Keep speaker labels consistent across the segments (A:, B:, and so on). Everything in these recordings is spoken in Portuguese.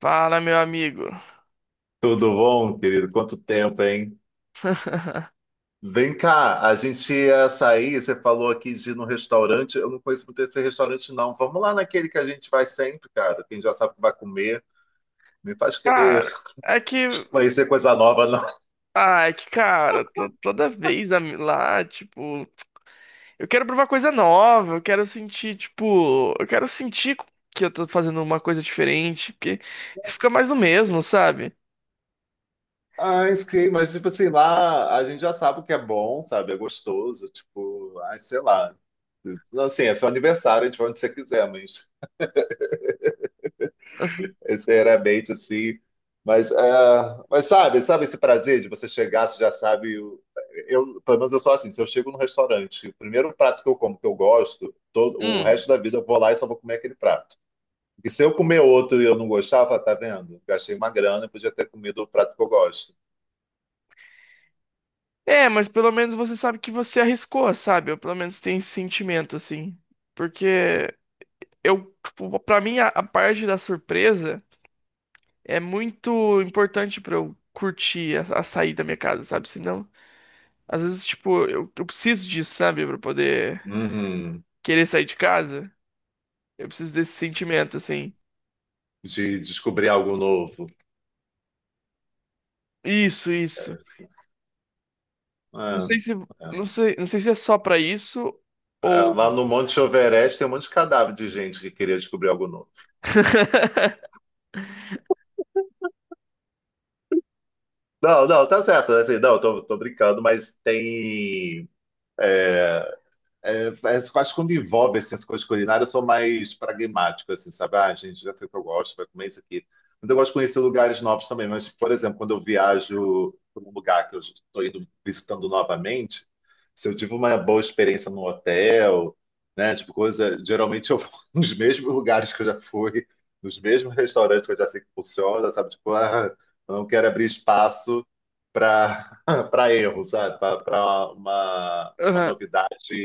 A: Fala, meu amigo.
B: Tudo bom, querido? Quanto tempo, hein? Vem cá, a gente ia sair, você falou aqui de ir no restaurante. Eu não conheço muito esse restaurante, não. Vamos lá naquele que a gente vai sempre, cara. Quem já sabe o que vai comer. Me faz querer
A: Cara, é que.
B: conhecer coisa nova, não.
A: Ah, é que, cara, toda vez a lá, tipo. Eu quero provar coisa nova, eu quero sentir, tipo. Eu quero sentir que eu tô fazendo uma coisa diferente, porque fica mais o mesmo, sabe?
B: Ah, sim, mas tipo assim, lá a gente já sabe o que é bom, sabe? É gostoso, tipo, ai, sei lá. Assim, é seu aniversário, a gente vai onde você quiser, mas sinceramente, assim. Mas, mas sabe esse prazer de você chegar, você já sabe. Eu, pelo menos eu sou assim, se eu chego no restaurante, o primeiro prato que eu como, que eu gosto, todo, o
A: Hum.
B: resto da vida eu vou lá e só vou comer aquele prato. E se eu comer outro e eu não gostava, tá vendo? Gastei uma grana e podia ter comido o prato que eu gosto.
A: É, mas pelo menos você sabe que você arriscou, sabe? Eu pelo menos tenho esse sentimento, assim. Porque eu, tipo, pra mim, a parte da surpresa é muito importante pra eu curtir a sair da minha casa, sabe? Senão, às vezes, tipo, eu preciso disso, sabe? Pra poder
B: Uhum.
A: querer sair de casa. Eu preciso desse sentimento, assim.
B: De descobrir algo novo.
A: Isso, isso.
B: É,
A: Não sei se, não
B: é.
A: sei, não sei se é só pra isso
B: É, lá
A: ou.
B: no Monte Everest tem um monte de cadáver de gente que queria descobrir algo novo. Não, não, tá certo. Assim, não, tô brincando, mas tem. É, mas eu quando envolve assim, as coisas culinárias, eu sou mais pragmático, assim, sabe? Ah, gente, já sei o que eu gosto, vai comer isso aqui. Mas eu gosto de conhecer lugares novos também. Mas, por exemplo, quando eu viajo para um lugar que eu estou indo visitando novamente, se eu tive uma boa experiência no hotel, né? Tipo, coisa. Geralmente eu vou nos mesmos lugares que eu já fui, nos mesmos restaurantes que eu já sei que funciona, sabe? Tipo, ah, eu não quero abrir espaço para para erro, sabe? Para uma
A: Aham.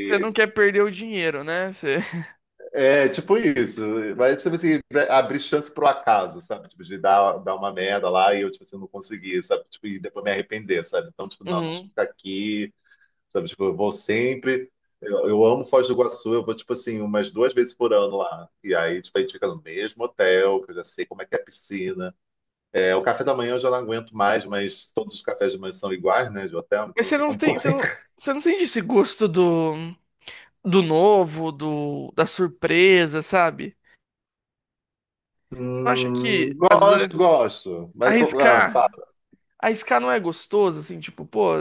A: Você não quer perder o dinheiro, né? Você...
B: é, tipo isso. Mas, tipo assim, abrir chance pro acaso, sabe? Tipo, de dar uma merda lá e eu, tipo assim, não conseguir, sabe? Tipo, e depois me arrepender, sabe? Então, tipo, não, deixa eu
A: Uhum.
B: ficar aqui, sabe? Tipo, eu vou sempre... Eu amo Foz do Iguaçu, eu vou, tipo assim, umas 2 vezes por ano lá. E aí, tipo, a gente fica no mesmo hotel, que eu já sei como é que é a piscina. É, o café da manhã eu já não aguento mais, mas todos os cafés de manhã são iguais, né, de hotel,
A: Mas
B: então não tem como correr.
A: você não sente esse gosto do, do novo, do, da surpresa, sabe? Não acha que, às vezes, é
B: Gosto, gosto.
A: arriscar. A arriscar não é gostoso, assim, tipo, pô,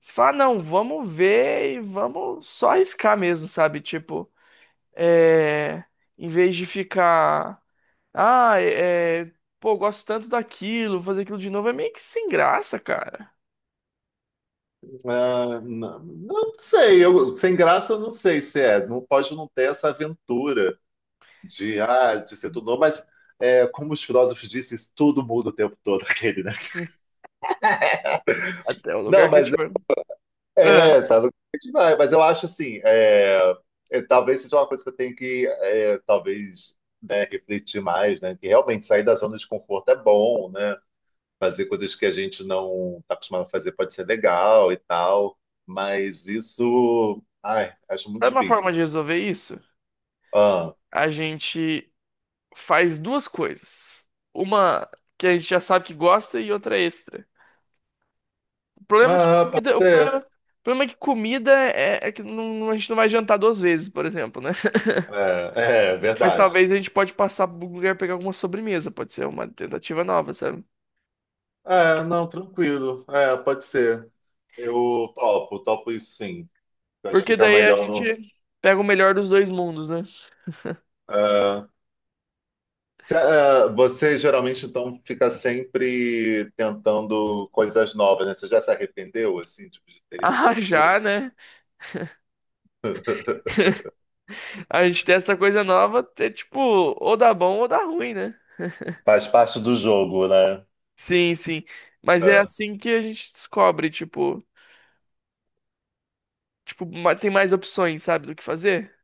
A: você fala, "Ah, não, vamos ver e vamos só arriscar mesmo, sabe? Tipo, é, em vez de ficar, ah, é, é, pô, gosto tanto daquilo, fazer aquilo de novo é meio que sem graça, cara.
B: Ah, não, não sei, sem graça não sei se é. Não pode não ter essa aventura de ser tudo novo, mas como os filósofos dizem, isso tudo muda o tempo todo, aquele, né?
A: Até o
B: Não,
A: lugar que a
B: mas
A: gente vai. Ah,
B: tá no demais. Mas eu acho assim, talvez seja uma coisa que eu tenho que, talvez, né, refletir mais, né? Que realmente sair da zona de conforto é bom, né? Fazer coisas que a gente não está acostumado a fazer pode ser legal e tal, mas isso, ai, acho muito
A: sabe uma
B: difícil,
A: forma de
B: assim.
A: resolver isso?
B: Ah,
A: A gente faz duas coisas. Uma que a gente já sabe que gosta e outra extra. O problema é que
B: ah, pode
A: comida, o problema,
B: ser.
A: o problema é que comida é, é que a gente não vai jantar duas vezes, por exemplo, né?
B: É, é
A: Mas
B: verdade.
A: talvez a gente pode passar por um lugar e pegar alguma sobremesa, pode ser uma tentativa nova, sabe?
B: É, não, tranquilo. É, pode ser. Eu topo, topo isso sim. Eu acho que
A: Porque
B: fica
A: daí a
B: melhor no.
A: gente pega o melhor dos dois mundos, né?
B: é. Você geralmente então fica sempre tentando coisas novas, né? Você já se arrependeu assim, tipo, de ter ido
A: Ah, já,
B: putz.
A: né? A gente testa coisa nova, é tipo, ou dá bom ou dá ruim, né?
B: Faz parte do jogo, né?
A: Sim, sim. Mas é
B: É,
A: assim que a gente descobre, tipo, tipo, tem mais opções, sabe, do que fazer?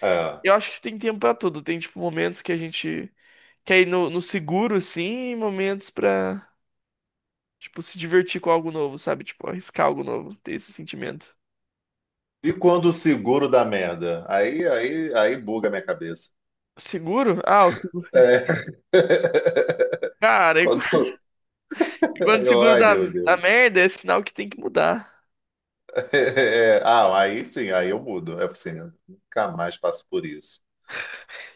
B: é.
A: Eu acho que tem tempo pra tudo. Tem, tipo, momentos que a gente quer ir no, no seguro, assim, em momentos pra, tipo, se divertir com algo novo, sabe? Tipo, arriscar algo novo, ter esse sentimento.
B: E quando o seguro dá merda? Aí buga a minha cabeça.
A: Seguro? Ah, o seguro.
B: É.
A: Cara, e qu-
B: Quando,
A: e quando o
B: aí eu,
A: seguro
B: ai,
A: dá,
B: meu
A: dá
B: Deus.
A: merda, é sinal que tem que mudar.
B: É, ah, aí sim, aí eu mudo. É assim, eu nunca mais passo por isso.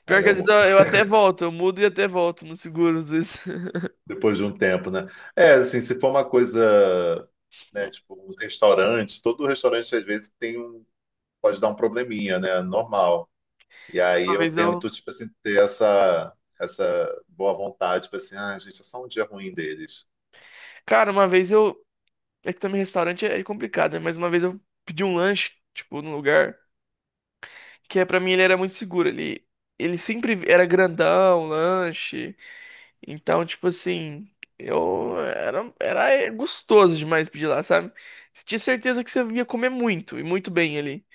A: Pior
B: Aí
A: que
B: eu
A: às vezes eu,
B: mudo.
A: eu até volto, eu mudo e até volto no seguro, às vezes.
B: Depois de um tempo, né? É, assim, se for uma coisa, né, tipo, um restaurante, todo restaurante às vezes tem um, pode dar um probleminha, né? Normal. E aí
A: Uma
B: eu
A: vez eu.
B: tento, tipo assim, ter essa boa vontade, tipo assim, ah, gente, é só um dia ruim deles.
A: Cara, uma vez eu. É que também restaurante é complicado, né? Mas uma vez eu pedi um lanche, tipo, num lugar que é, pra mim ele era muito seguro. Ele sempre era grandão, lanche. Então, tipo assim, era é, gostoso demais pedir lá, sabe? Você tinha certeza que você ia comer muito e muito bem ali.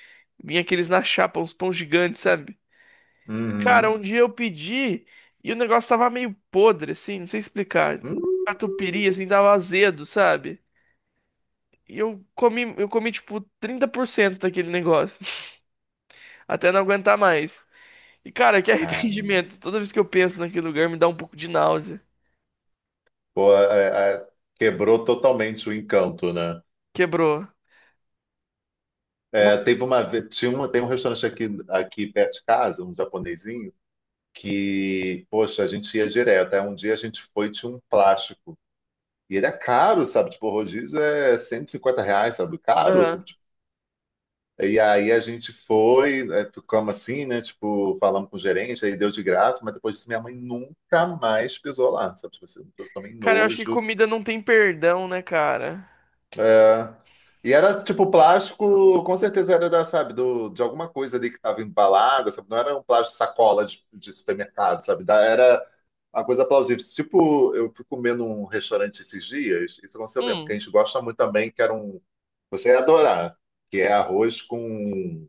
A: Vinha aqueles na chapa, uns pão gigantes, sabe? Cara,
B: Uhum.
A: um dia eu pedi e o negócio tava meio podre, assim, não sei explicar.
B: Hum,
A: Catupiry, assim, tava azedo, sabe? E eu comi, tipo, 30% daquele negócio. Até não aguentar mais. E, cara, que
B: cara,
A: arrependimento. Toda vez que eu penso naquele lugar, me dá um pouco de náusea.
B: pô, quebrou totalmente o encanto, né?
A: Quebrou.
B: É, teve uma, ve- tinha uma, tem um restaurante aqui perto de casa, um japonesinho, que, poxa, a gente ia direto. Aí um dia a gente foi e tinha um plástico. E ele é caro, sabe? Tipo, o rodízio é R$ 150, sabe? Caro, sabe?
A: Uma...
B: Tipo, e aí a gente foi, ficamos assim, né? Tipo, falamos com o gerente, aí deu de graça, mas depois disso minha mãe nunca mais pisou lá, sabe? Tipo assim, eu tomei
A: Cara, eu acho que
B: nojo.
A: comida não tem perdão, né, cara?
B: É. E era tipo plástico, com certeza era da, sabe, do, de alguma coisa ali que estava embalada, sabe? Não era um plástico sacola de supermercado, sabe? Era uma coisa plausível. Tipo, eu fui comer num restaurante esses dias, isso aconteceu mesmo, porque a
A: Hum,
B: gente gosta muito também, que era um. Você ia adorar, que é arroz com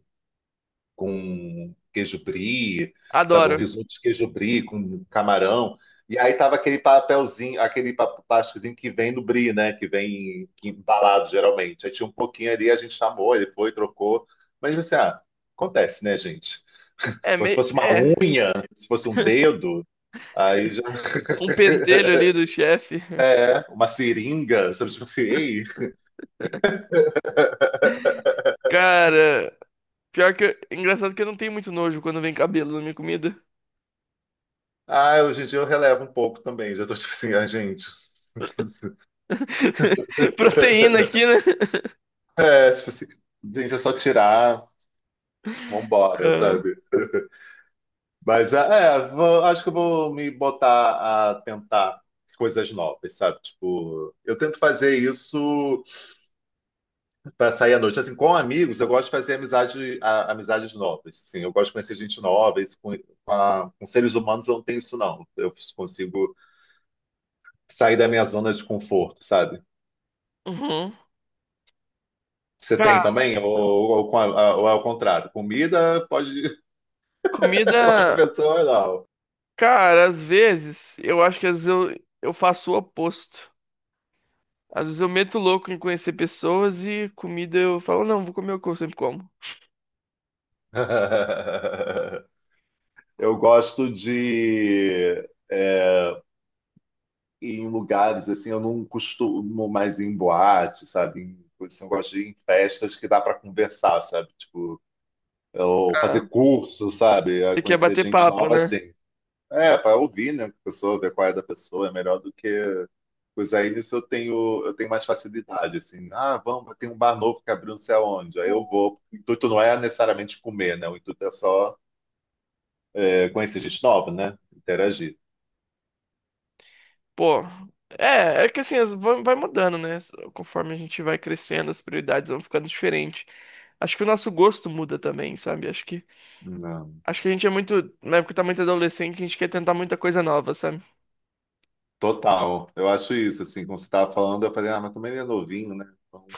B: com queijo brie, sabe? Um
A: adoro.
B: risoto de queijo brie com camarão. E aí tava aquele papelzinho, aquele plásticozinho que vem no brie, né? Que vem que embalado geralmente. Aí tinha um pouquinho ali, a gente chamou, ele foi, trocou. Mas você, ah, acontece, né, gente?
A: É,
B: Agora, se
A: meio.
B: fosse uma
A: É.
B: unha, se fosse um dedo, aí já
A: Um pentelho ali do chefe.
B: é uma seringa, sabe? Tipo assim, ei.
A: Cara, engraçado que eu não tenho muito nojo quando vem cabelo na minha comida.
B: Ah, hoje em dia eu relevo um pouco também. Já tô tipo assim, ah, gente.
A: Proteína aqui, né?
B: É, tipo assim, gente, é só tirar, vambora,
A: Ah,
B: sabe? Mas acho que eu vou me botar a tentar coisas novas, sabe? Tipo, eu tento fazer isso para sair à noite. Assim, com amigos, eu gosto de fazer amizade, amizades novas. Sim, eu gosto de conhecer gente nova. Isso com seres humanos eu não tenho isso, não. Eu consigo sair da minha zona de conforto, sabe?
A: uhum.
B: Você tem
A: Cara,
B: também? Ou é o contrário? Comida pode ir. Agora, a
A: comida.
B: pessoa não.
A: Cara, às vezes, eu acho que às vezes eu faço o oposto. Às vezes eu meto louco em conhecer pessoas e comida eu falo, não, vou comer o que eu sempre como.
B: Eu gosto de. Em lugares assim, eu não costumo mais ir em boate, sabe? Assim, eu gosto de ir em festas que dá para conversar, sabe? Tipo, ou fazer
A: Ah,
B: curso, sabe?
A: você quer
B: Conhecer
A: bater
B: gente
A: papo,
B: nova
A: né?
B: assim. É, para ouvir, né? A pessoa, ver qual é da pessoa, é melhor do que. Pois aí nisso eu tenho mais facilidade, assim. Ah, vamos, tem um bar novo que abriu não sei aonde. Aí eu vou. O intuito não é necessariamente comer, né? O intuito é só conhecer gente nova, né? Interagir.
A: Pô, é, é que assim, vai mudando, né? Conforme a gente vai crescendo, as prioridades vão ficando diferentes. Acho que o nosso gosto muda também, sabe?
B: Não.
A: Acho que a gente é muito. Na época tá muito adolescente, a gente quer tentar muita coisa nova, sabe?
B: Total, eu acho isso, assim, como você estava falando, eu falei, ah, mas também ele é novinho, né? Então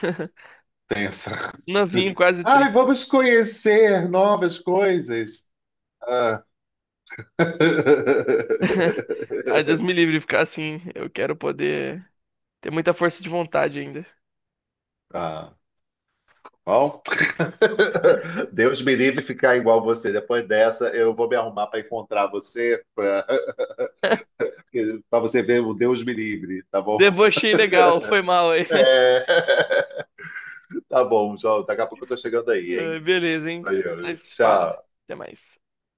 B: tem essa coisa
A: Novinho,
B: de,
A: quase
B: ai,
A: 30.
B: vamos conhecer novas coisas. Ah.
A: Ai, Deus me livre de ficar assim. Eu quero poder ter muita força de vontade ainda.
B: Ah, bom, Deus me livre ficar igual você. Depois dessa, eu vou me arrumar para encontrar você, para você ver o Deus me livre, tá bom?
A: Debochei legal, foi mal aí.
B: É. Tá bom, João, daqui a pouco eu tô chegando aí,
A: Ai,
B: hein?
A: beleza, hein?
B: Valeu,
A: Mas fala.
B: tchau.
A: Até mais.